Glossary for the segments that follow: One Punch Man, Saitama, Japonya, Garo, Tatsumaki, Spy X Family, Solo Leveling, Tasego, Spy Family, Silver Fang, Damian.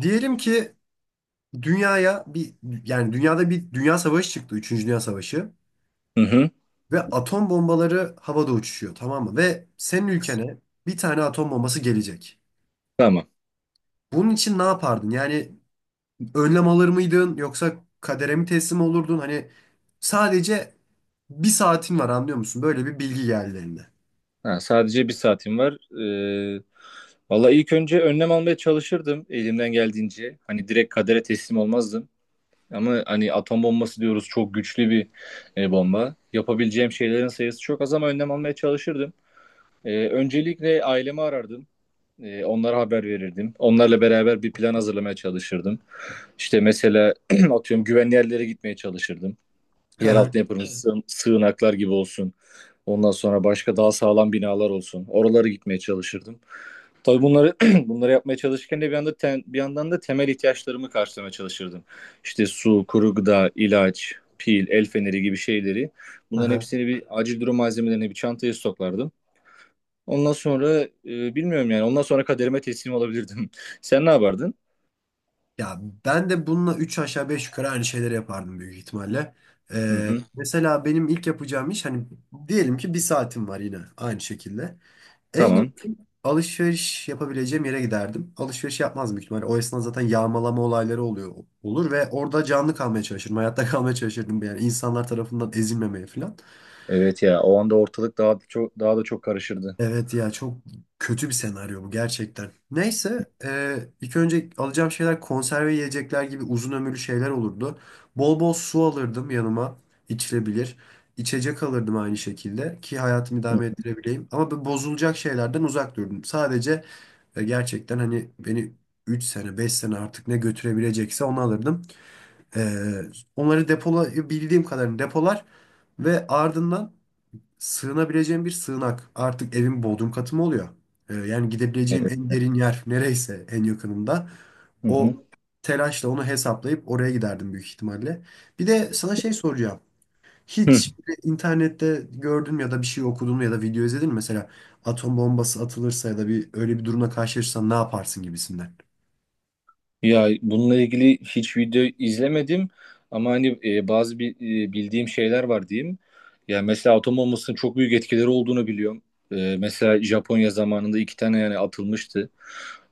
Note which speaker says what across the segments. Speaker 1: Diyelim ki dünyaya bir yani dünyada bir dünya savaşı çıktı. Üçüncü Dünya Savaşı.
Speaker 2: Hı hı.
Speaker 1: Ve atom bombaları havada uçuşuyor, tamam mı? Ve senin ülkene bir tane atom bombası gelecek.
Speaker 2: Tamam.
Speaker 1: Bunun için ne yapardın? Yani önlem alır mıydın yoksa kadere mi teslim olurdun? Hani sadece bir saatin var, anlıyor musun? Böyle bir bilgi geldi eline.
Speaker 2: Ha, sadece bir saatim var. Ee, Valla ilk önce önlem almaya çalışırdım elimden geldiğince. Hani direkt kadere teslim olmazdım. Ama hani atom bombası diyoruz, çok güçlü bir bomba. Yapabileceğim şeylerin sayısı çok az ama önlem almaya çalışırdım. Öncelikle ailemi arardım. Onlara haber verirdim. Onlarla beraber bir plan hazırlamaya çalışırdım. İşte mesela atıyorum güvenli yerlere gitmeye çalışırdım. Yeraltı yapımı sığınaklar gibi olsun. Ondan sonra başka daha sağlam binalar olsun. Oralara gitmeye çalışırdım. Tabii bunları bunları yapmaya çalışırken de bir yanda bir yandan da temel ihtiyaçlarımı karşılamaya çalışırdım. İşte su, kuru gıda, ilaç, pil, el feneri gibi şeyleri. Bunların hepsini, bir acil durum malzemelerini bir çantaya stoklardım. Ondan sonra bilmiyorum, yani ondan sonra kaderime teslim olabilirdim. Sen ne yapardın?
Speaker 1: Ya ben de bununla 3 aşağı 5 yukarı aynı şeyleri yapardım büyük ihtimalle.
Speaker 2: Hı hı.
Speaker 1: Mesela benim ilk yapacağım iş hani, diyelim ki bir saatim var yine aynı şekilde. En
Speaker 2: Tamam.
Speaker 1: yakın alışveriş yapabileceğim yere giderdim. Alışveriş yapmaz büyük ihtimalle. O esnada zaten yağmalama olayları oluyor olur ve orada canlı kalmaya çalışırdım. Hayatta kalmaya çalışırdım, yani insanlar tarafından ezilmemeye falan.
Speaker 2: Evet ya, o anda ortalık daha da çok karışırdı.
Speaker 1: Evet ya, çok kötü bir senaryo bu gerçekten. Neyse, ilk önce alacağım şeyler konserve yiyecekler gibi uzun ömürlü şeyler olurdu. Bol bol su alırdım yanıma, içilebilir. İçecek alırdım aynı şekilde ki hayatımı
Speaker 2: Hı,
Speaker 1: idame ettirebileyim. Ama bu bozulacak şeylerden uzak durdum. Sadece gerçekten hani beni 3 sene 5 sene artık ne götürebilecekse onu alırdım. E, Onları depolayabildiğim kadarını depolar ve ardından sığınabileceğim bir sığınak. Artık evin bodrum katı mı oluyor? Yani gidebileceğim
Speaker 2: evet.
Speaker 1: en derin yer nereyse en yakınında.
Speaker 2: Hı
Speaker 1: O
Speaker 2: hı.
Speaker 1: telaşla onu hesaplayıp oraya giderdim büyük ihtimalle. Bir de sana şey soracağım. Hiç böyle internette gördün mü ya da bir şey okudun mu ya da video izledin mi? Mesela atom bombası atılırsa ya da bir öyle bir durumla karşılaşırsan ne yaparsın gibisinden.
Speaker 2: Ya bununla ilgili hiç video izlemedim ama hani bazı bildiğim şeyler var diyeyim. Ya mesela atom bombasının çok büyük etkileri olduğunu biliyorum. Mesela Japonya zamanında iki tane yani atılmıştı.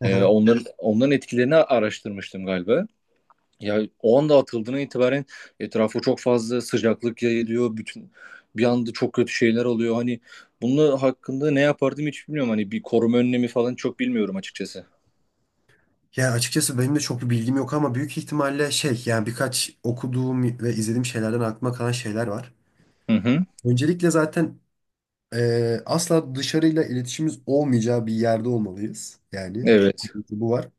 Speaker 1: Aha.
Speaker 2: Onların etkilerini araştırmıştım galiba. Ya o anda atıldığına itibaren etrafa çok fazla sıcaklık yayılıyor. Bütün bir anda çok kötü şeyler oluyor. Hani bunun hakkında ne yapardım hiç bilmiyorum. Hani bir koruma önlemi falan çok bilmiyorum açıkçası.
Speaker 1: Ya açıkçası benim de çok bir bilgim yok ama büyük ihtimalle şey, yani birkaç okuduğum ve izlediğim şeylerden aklıma kalan şeyler var.
Speaker 2: Hı hı.
Speaker 1: Öncelikle zaten asla dışarıyla iletişimimiz olmayacağı bir yerde olmalıyız. Yani
Speaker 2: Evet.
Speaker 1: bu var.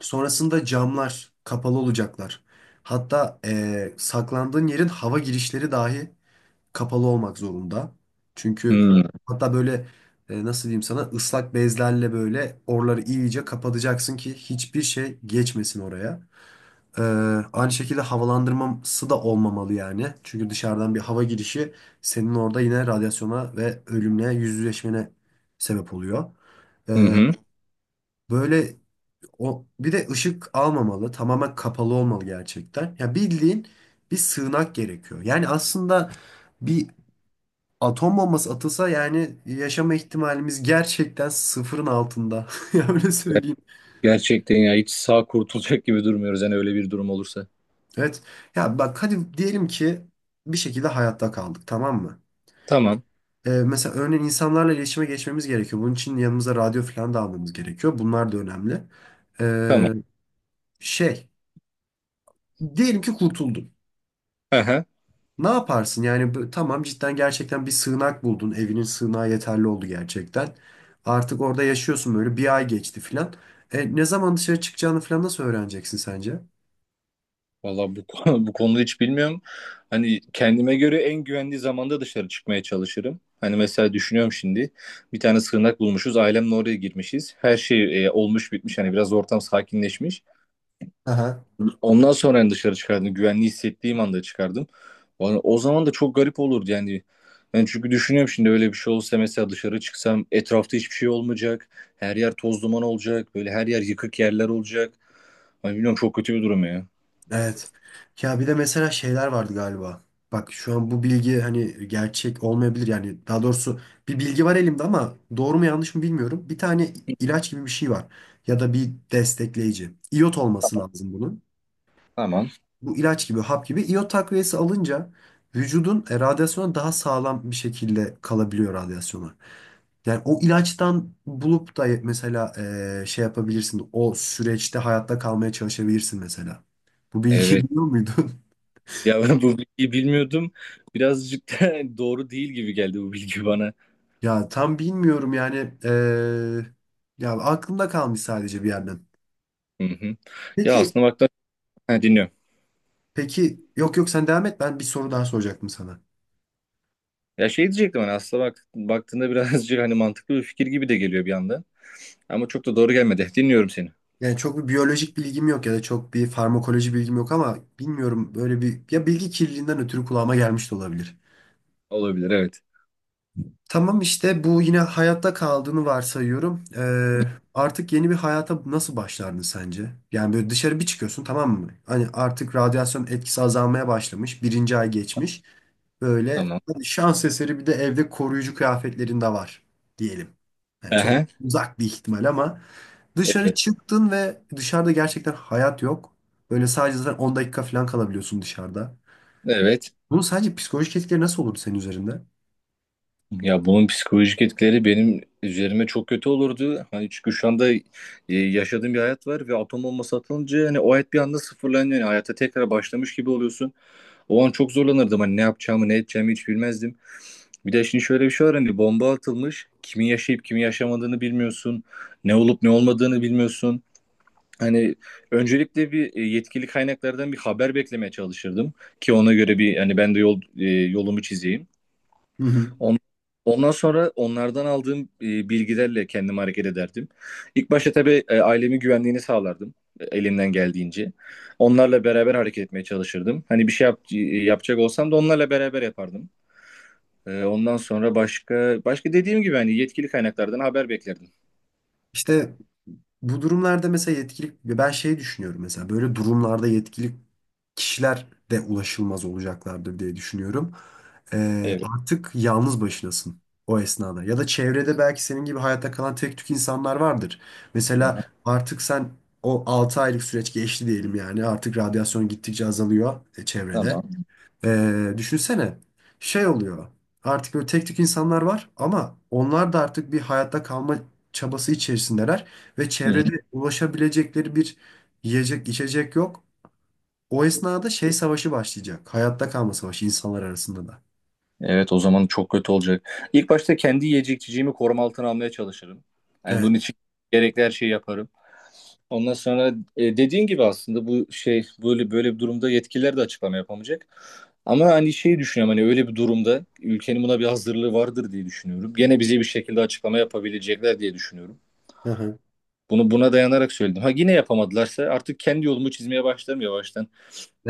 Speaker 1: Sonrasında camlar kapalı olacaklar. Hatta saklandığın yerin hava girişleri dahi kapalı olmak zorunda. Çünkü
Speaker 2: Hı
Speaker 1: hatta böyle, nasıl diyeyim sana, ıslak bezlerle böyle oraları iyice kapatacaksın ki hiçbir şey geçmesin oraya. Ee, Aynı şekilde havalandırması da olmamalı yani. Çünkü dışarıdan bir hava girişi senin orada yine radyasyona ve ölümle yüzleşmene sebep oluyor. Ee,
Speaker 2: hı.
Speaker 1: Böyle o, bir de ışık almamalı. Tamamen kapalı olmalı gerçekten. Ya bildiğin bir sığınak gerekiyor. Yani aslında bir atom bombası atılsa yani yaşama ihtimalimiz gerçekten sıfırın altında. Ya öyle söyleyeyim.
Speaker 2: Gerçekten ya, hiç sağ kurtulacak gibi durmuyoruz yani öyle bir durum olursa.
Speaker 1: Evet. Ya bak, hadi diyelim ki bir şekilde hayatta kaldık, tamam mı?
Speaker 2: Tamam,
Speaker 1: Mesela örneğin insanlarla iletişime geçmemiz gerekiyor. Bunun için yanımıza radyo falan da almamız gerekiyor. Bunlar da önemli.
Speaker 2: tamam.
Speaker 1: Ee, Şey, diyelim ki kurtuldun.
Speaker 2: Aha.
Speaker 1: Ne yaparsın? Yani tamam, cidden gerçekten bir sığınak buldun. Evinin sığınağı yeterli oldu gerçekten. Artık orada yaşıyorsun, böyle bir ay geçti falan. Ne zaman dışarı çıkacağını falan nasıl öğreneceksin sence?
Speaker 2: Valla bu, bu konuda hiç bilmiyorum. Hani kendime göre en güvenli zamanda dışarı çıkmaya çalışırım. Hani mesela düşünüyorum şimdi. Bir tane sığınak bulmuşuz. Ailemle oraya girmişiz. Her şey olmuş bitmiş. Hani biraz ortam sakinleşmiş. Ondan sonra yani dışarı çıkardım. Güvenli hissettiğim anda çıkardım. O zaman da çok garip olurdu yani. Ben çünkü düşünüyorum şimdi, öyle bir şey olsa mesela dışarı çıksam etrafta hiçbir şey olmayacak. Her yer toz duman olacak. Böyle her yer yıkık yerler olacak. Hani bilmiyorum, çok kötü bir durum ya.
Speaker 1: Evet. Ya bir de mesela şeyler vardı galiba. Bak şu an bu bilgi hani gerçek olmayabilir, yani daha doğrusu bir bilgi var elimde ama doğru mu yanlış mı bilmiyorum. Bir tane ilaç gibi bir şey var ya da bir destekleyici. İyot olması lazım bunun.
Speaker 2: Tamam.
Speaker 1: Bu ilaç gibi hap gibi iyot takviyesi alınca vücudun, radyasyona daha sağlam bir şekilde kalabiliyor radyasyona. Yani o ilaçtan bulup da mesela, şey yapabilirsin o süreçte, hayatta kalmaya çalışabilirsin mesela. Bu bilgiyi
Speaker 2: Evet.
Speaker 1: biliyor muydun?
Speaker 2: Ya ben bu bilgiyi bilmiyordum. Birazcık da doğru değil gibi geldi bu bilgi bana.
Speaker 1: Ya tam bilmiyorum yani, ya aklımda kalmış sadece bir yerden.
Speaker 2: Hı hı. Ya
Speaker 1: Peki
Speaker 2: aslında baktığında... Ha, dinliyorum.
Speaker 1: peki, yok yok sen devam et, ben bir soru daha soracaktım sana.
Speaker 2: Ya şey diyecektim, hani aslında bak, baktığında birazcık hani mantıklı bir fikir gibi de geliyor bir anda. Ama çok da doğru gelmedi. Dinliyorum seni.
Speaker 1: Yani çok bir biyolojik bilgim yok ya da çok bir farmakoloji bilgim yok ama bilmiyorum, böyle bir, ya bilgi kirliliğinden ötürü kulağıma gelmiş de olabilir.
Speaker 2: Olabilir, evet.
Speaker 1: Tamam, işte bu, yine hayatta kaldığını varsayıyorum. Artık yeni bir hayata nasıl başlardın sence? Yani böyle dışarı bir çıkıyorsun, tamam mı? Hani artık radyasyon etkisi azalmaya başlamış. Birinci ay geçmiş. Böyle
Speaker 2: Tamam.
Speaker 1: hani şans eseri bir de evde koruyucu kıyafetlerin de var diyelim. Yani çok
Speaker 2: Aha,
Speaker 1: uzak bir ihtimal ama dışarı
Speaker 2: evet.
Speaker 1: çıktın ve dışarıda gerçekten hayat yok. Böyle sadece zaten 10 dakika falan kalabiliyorsun dışarıda.
Speaker 2: Evet.
Speaker 1: Bunun sadece psikolojik etkileri nasıl olur senin üzerinde?
Speaker 2: Ya bunun psikolojik etkileri benim üzerime çok kötü olurdu. Hani çünkü şu anda yaşadığım bir hayat var ve atom bombası atılınca hani o hayat bir anda sıfırlanıyor. Yani hayata tekrar başlamış gibi oluyorsun. O an çok zorlanırdım. Hani ne yapacağımı ne edeceğimi hiç bilmezdim. Bir de şimdi şöyle bir şey var, hani bomba atılmış. Kimin yaşayıp kimin yaşamadığını bilmiyorsun. Ne olup ne olmadığını bilmiyorsun. Hani öncelikle bir yetkili kaynaklardan bir haber beklemeye çalışırdım ki ona göre bir hani ben de yol yolumu çizeyim.
Speaker 1: Hı hı.
Speaker 2: On- Ondan sonra onlardan aldığım bilgilerle kendimi hareket ederdim. İlk başta tabii ailemin güvenliğini sağlardım elimden geldiğince. Onlarla beraber hareket etmeye çalışırdım. Hani bir şey yapacak olsam da onlarla beraber yapardım. Ondan sonra başka dediğim gibi hani yetkili kaynaklardan haber beklerdim.
Speaker 1: İşte bu durumlarda mesela, yetkilik ben şey düşünüyorum, mesela böyle durumlarda yetkilik kişiler de ulaşılmaz olacaklardır diye düşünüyorum.
Speaker 2: Evet.
Speaker 1: Artık yalnız başınasın o esnada, ya da çevrede belki senin gibi hayatta kalan tek tük insanlar vardır. Mesela
Speaker 2: Aha,
Speaker 1: artık sen o 6 aylık süreç geçti diyelim, yani artık radyasyon gittikçe azalıyor çevrede.
Speaker 2: tamam.
Speaker 1: Düşünsene, şey oluyor, artık böyle tek tük insanlar var ama onlar da artık bir hayatta kalma çabası içerisindeler ve
Speaker 2: Hı hı.
Speaker 1: çevrede ulaşabilecekleri bir yiyecek içecek yok. O esnada şey savaşı başlayacak, hayatta kalma savaşı insanlar arasında da.
Speaker 2: Evet, o zaman çok kötü olacak. İlk başta kendi yiyecek içeceğimi koruma altına almaya çalışırım. Yani
Speaker 1: Evet.
Speaker 2: bunun için gerekli her şeyi yaparım. Ondan sonra dediğin gibi aslında bu şey, böyle böyle bir durumda yetkililer de açıklama yapamayacak. Ama hani şeyi düşünüyorum, hani öyle bir durumda ülkenin buna bir hazırlığı vardır diye düşünüyorum. Gene bize bir şekilde açıklama yapabilecekler diye düşünüyorum.
Speaker 1: Hı hı.
Speaker 2: Bunu buna dayanarak söyledim. Ha, yine yapamadılarsa artık kendi yolumu çizmeye başlarım yavaştan.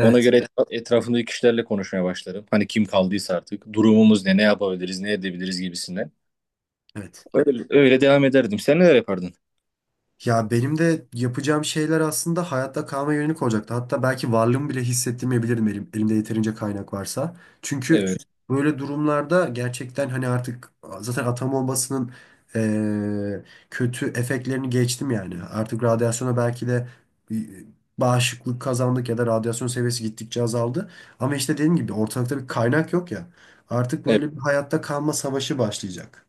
Speaker 2: Ona göre etrafındaki kişilerle konuşmaya başlarım. Hani kim kaldıysa artık durumumuz ne, ne yapabiliriz, ne edebiliriz gibisinden.
Speaker 1: Evet.
Speaker 2: Öyle, öyle devam ederdim. Sen neler yapardın?
Speaker 1: Ya benim de yapacağım şeyler aslında hayatta kalma yönelik olacaktı. Hatta belki varlığımı bile hissettirmeyebilirdim, elimde yeterince kaynak varsa. Çünkü
Speaker 2: Evet.
Speaker 1: böyle durumlarda gerçekten hani artık zaten atom bombasının, eee, kötü efektlerini geçtim yani. Artık radyasyona belki de e, bağışıklık kazandık ya da radyasyon seviyesi gittikçe azaldı. Ama işte dediğim gibi ortalıkta bir kaynak yok ya. Artık
Speaker 2: Evet.
Speaker 1: böyle bir hayatta kalma savaşı başlayacak.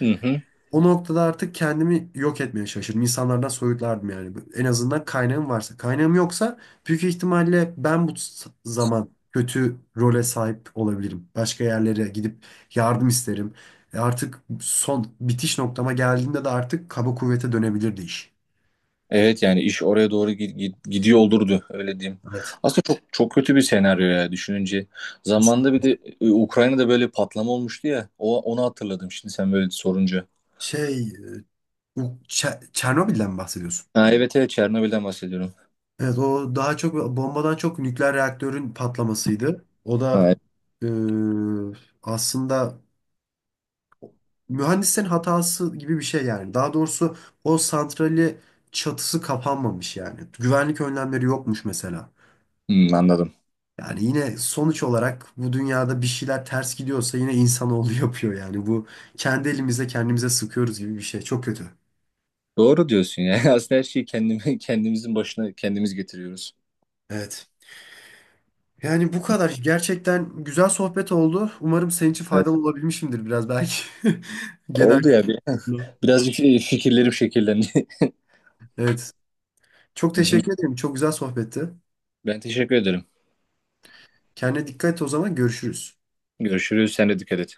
Speaker 2: Hı hı.
Speaker 1: O noktada artık kendimi yok etmeye çalışırdım. İnsanlardan soyutlardım yani. En azından kaynağım varsa. Kaynağım yoksa büyük ihtimalle ben bu zaman kötü role sahip olabilirim. Başka yerlere gidip yardım isterim. Artık son bitiş noktama geldiğimde de artık kaba kuvvete dönebilirdi iş.
Speaker 2: Evet, yani iş oraya doğru gidiyor olurdu, öyle diyeyim.
Speaker 1: Evet.
Speaker 2: Aslında çok çok kötü bir senaryo ya, düşününce. Zamanında bir
Speaker 1: Kesinlikle.
Speaker 2: de Ukrayna'da böyle patlama olmuştu ya. O, onu hatırladım şimdi sen böyle sorunca.
Speaker 1: Şey, bu Çernobil'den mi bahsediyorsun?
Speaker 2: Ha, evet evet, Çernobil'den bahsediyorum.
Speaker 1: Evet, o daha çok bombadan çok nükleer reaktörün patlamasıydı. O
Speaker 2: Ha,
Speaker 1: da
Speaker 2: evet.
Speaker 1: e, aslında mühendislerin hatası gibi bir şey yani. Daha doğrusu o santrali çatısı kapanmamış yani. Güvenlik önlemleri yokmuş mesela.
Speaker 2: Hmm, anladım.
Speaker 1: Yani yine sonuç olarak bu dünyada bir şeyler ters gidiyorsa yine insanoğlu yapıyor yani. Bu kendi elimizle kendimize sıkıyoruz gibi bir şey. Çok kötü.
Speaker 2: Doğru diyorsun ya. Aslında her şeyi kendimizin başına kendimiz getiriyoruz.
Speaker 1: Evet. Yani bu kadar. Gerçekten güzel sohbet oldu. Umarım senin için faydalı olabilmişimdir biraz belki. Genel
Speaker 2: Oldu ya.
Speaker 1: kültürlü.
Speaker 2: Birazcık fikirlerim şekillendi.
Speaker 1: Evet. Çok
Speaker 2: Hı hı.
Speaker 1: teşekkür ederim. Çok güzel sohbetti.
Speaker 2: Ben teşekkür ederim.
Speaker 1: Kendine dikkat et, o zaman görüşürüz.
Speaker 2: Görüşürüz. Sen de dikkat et.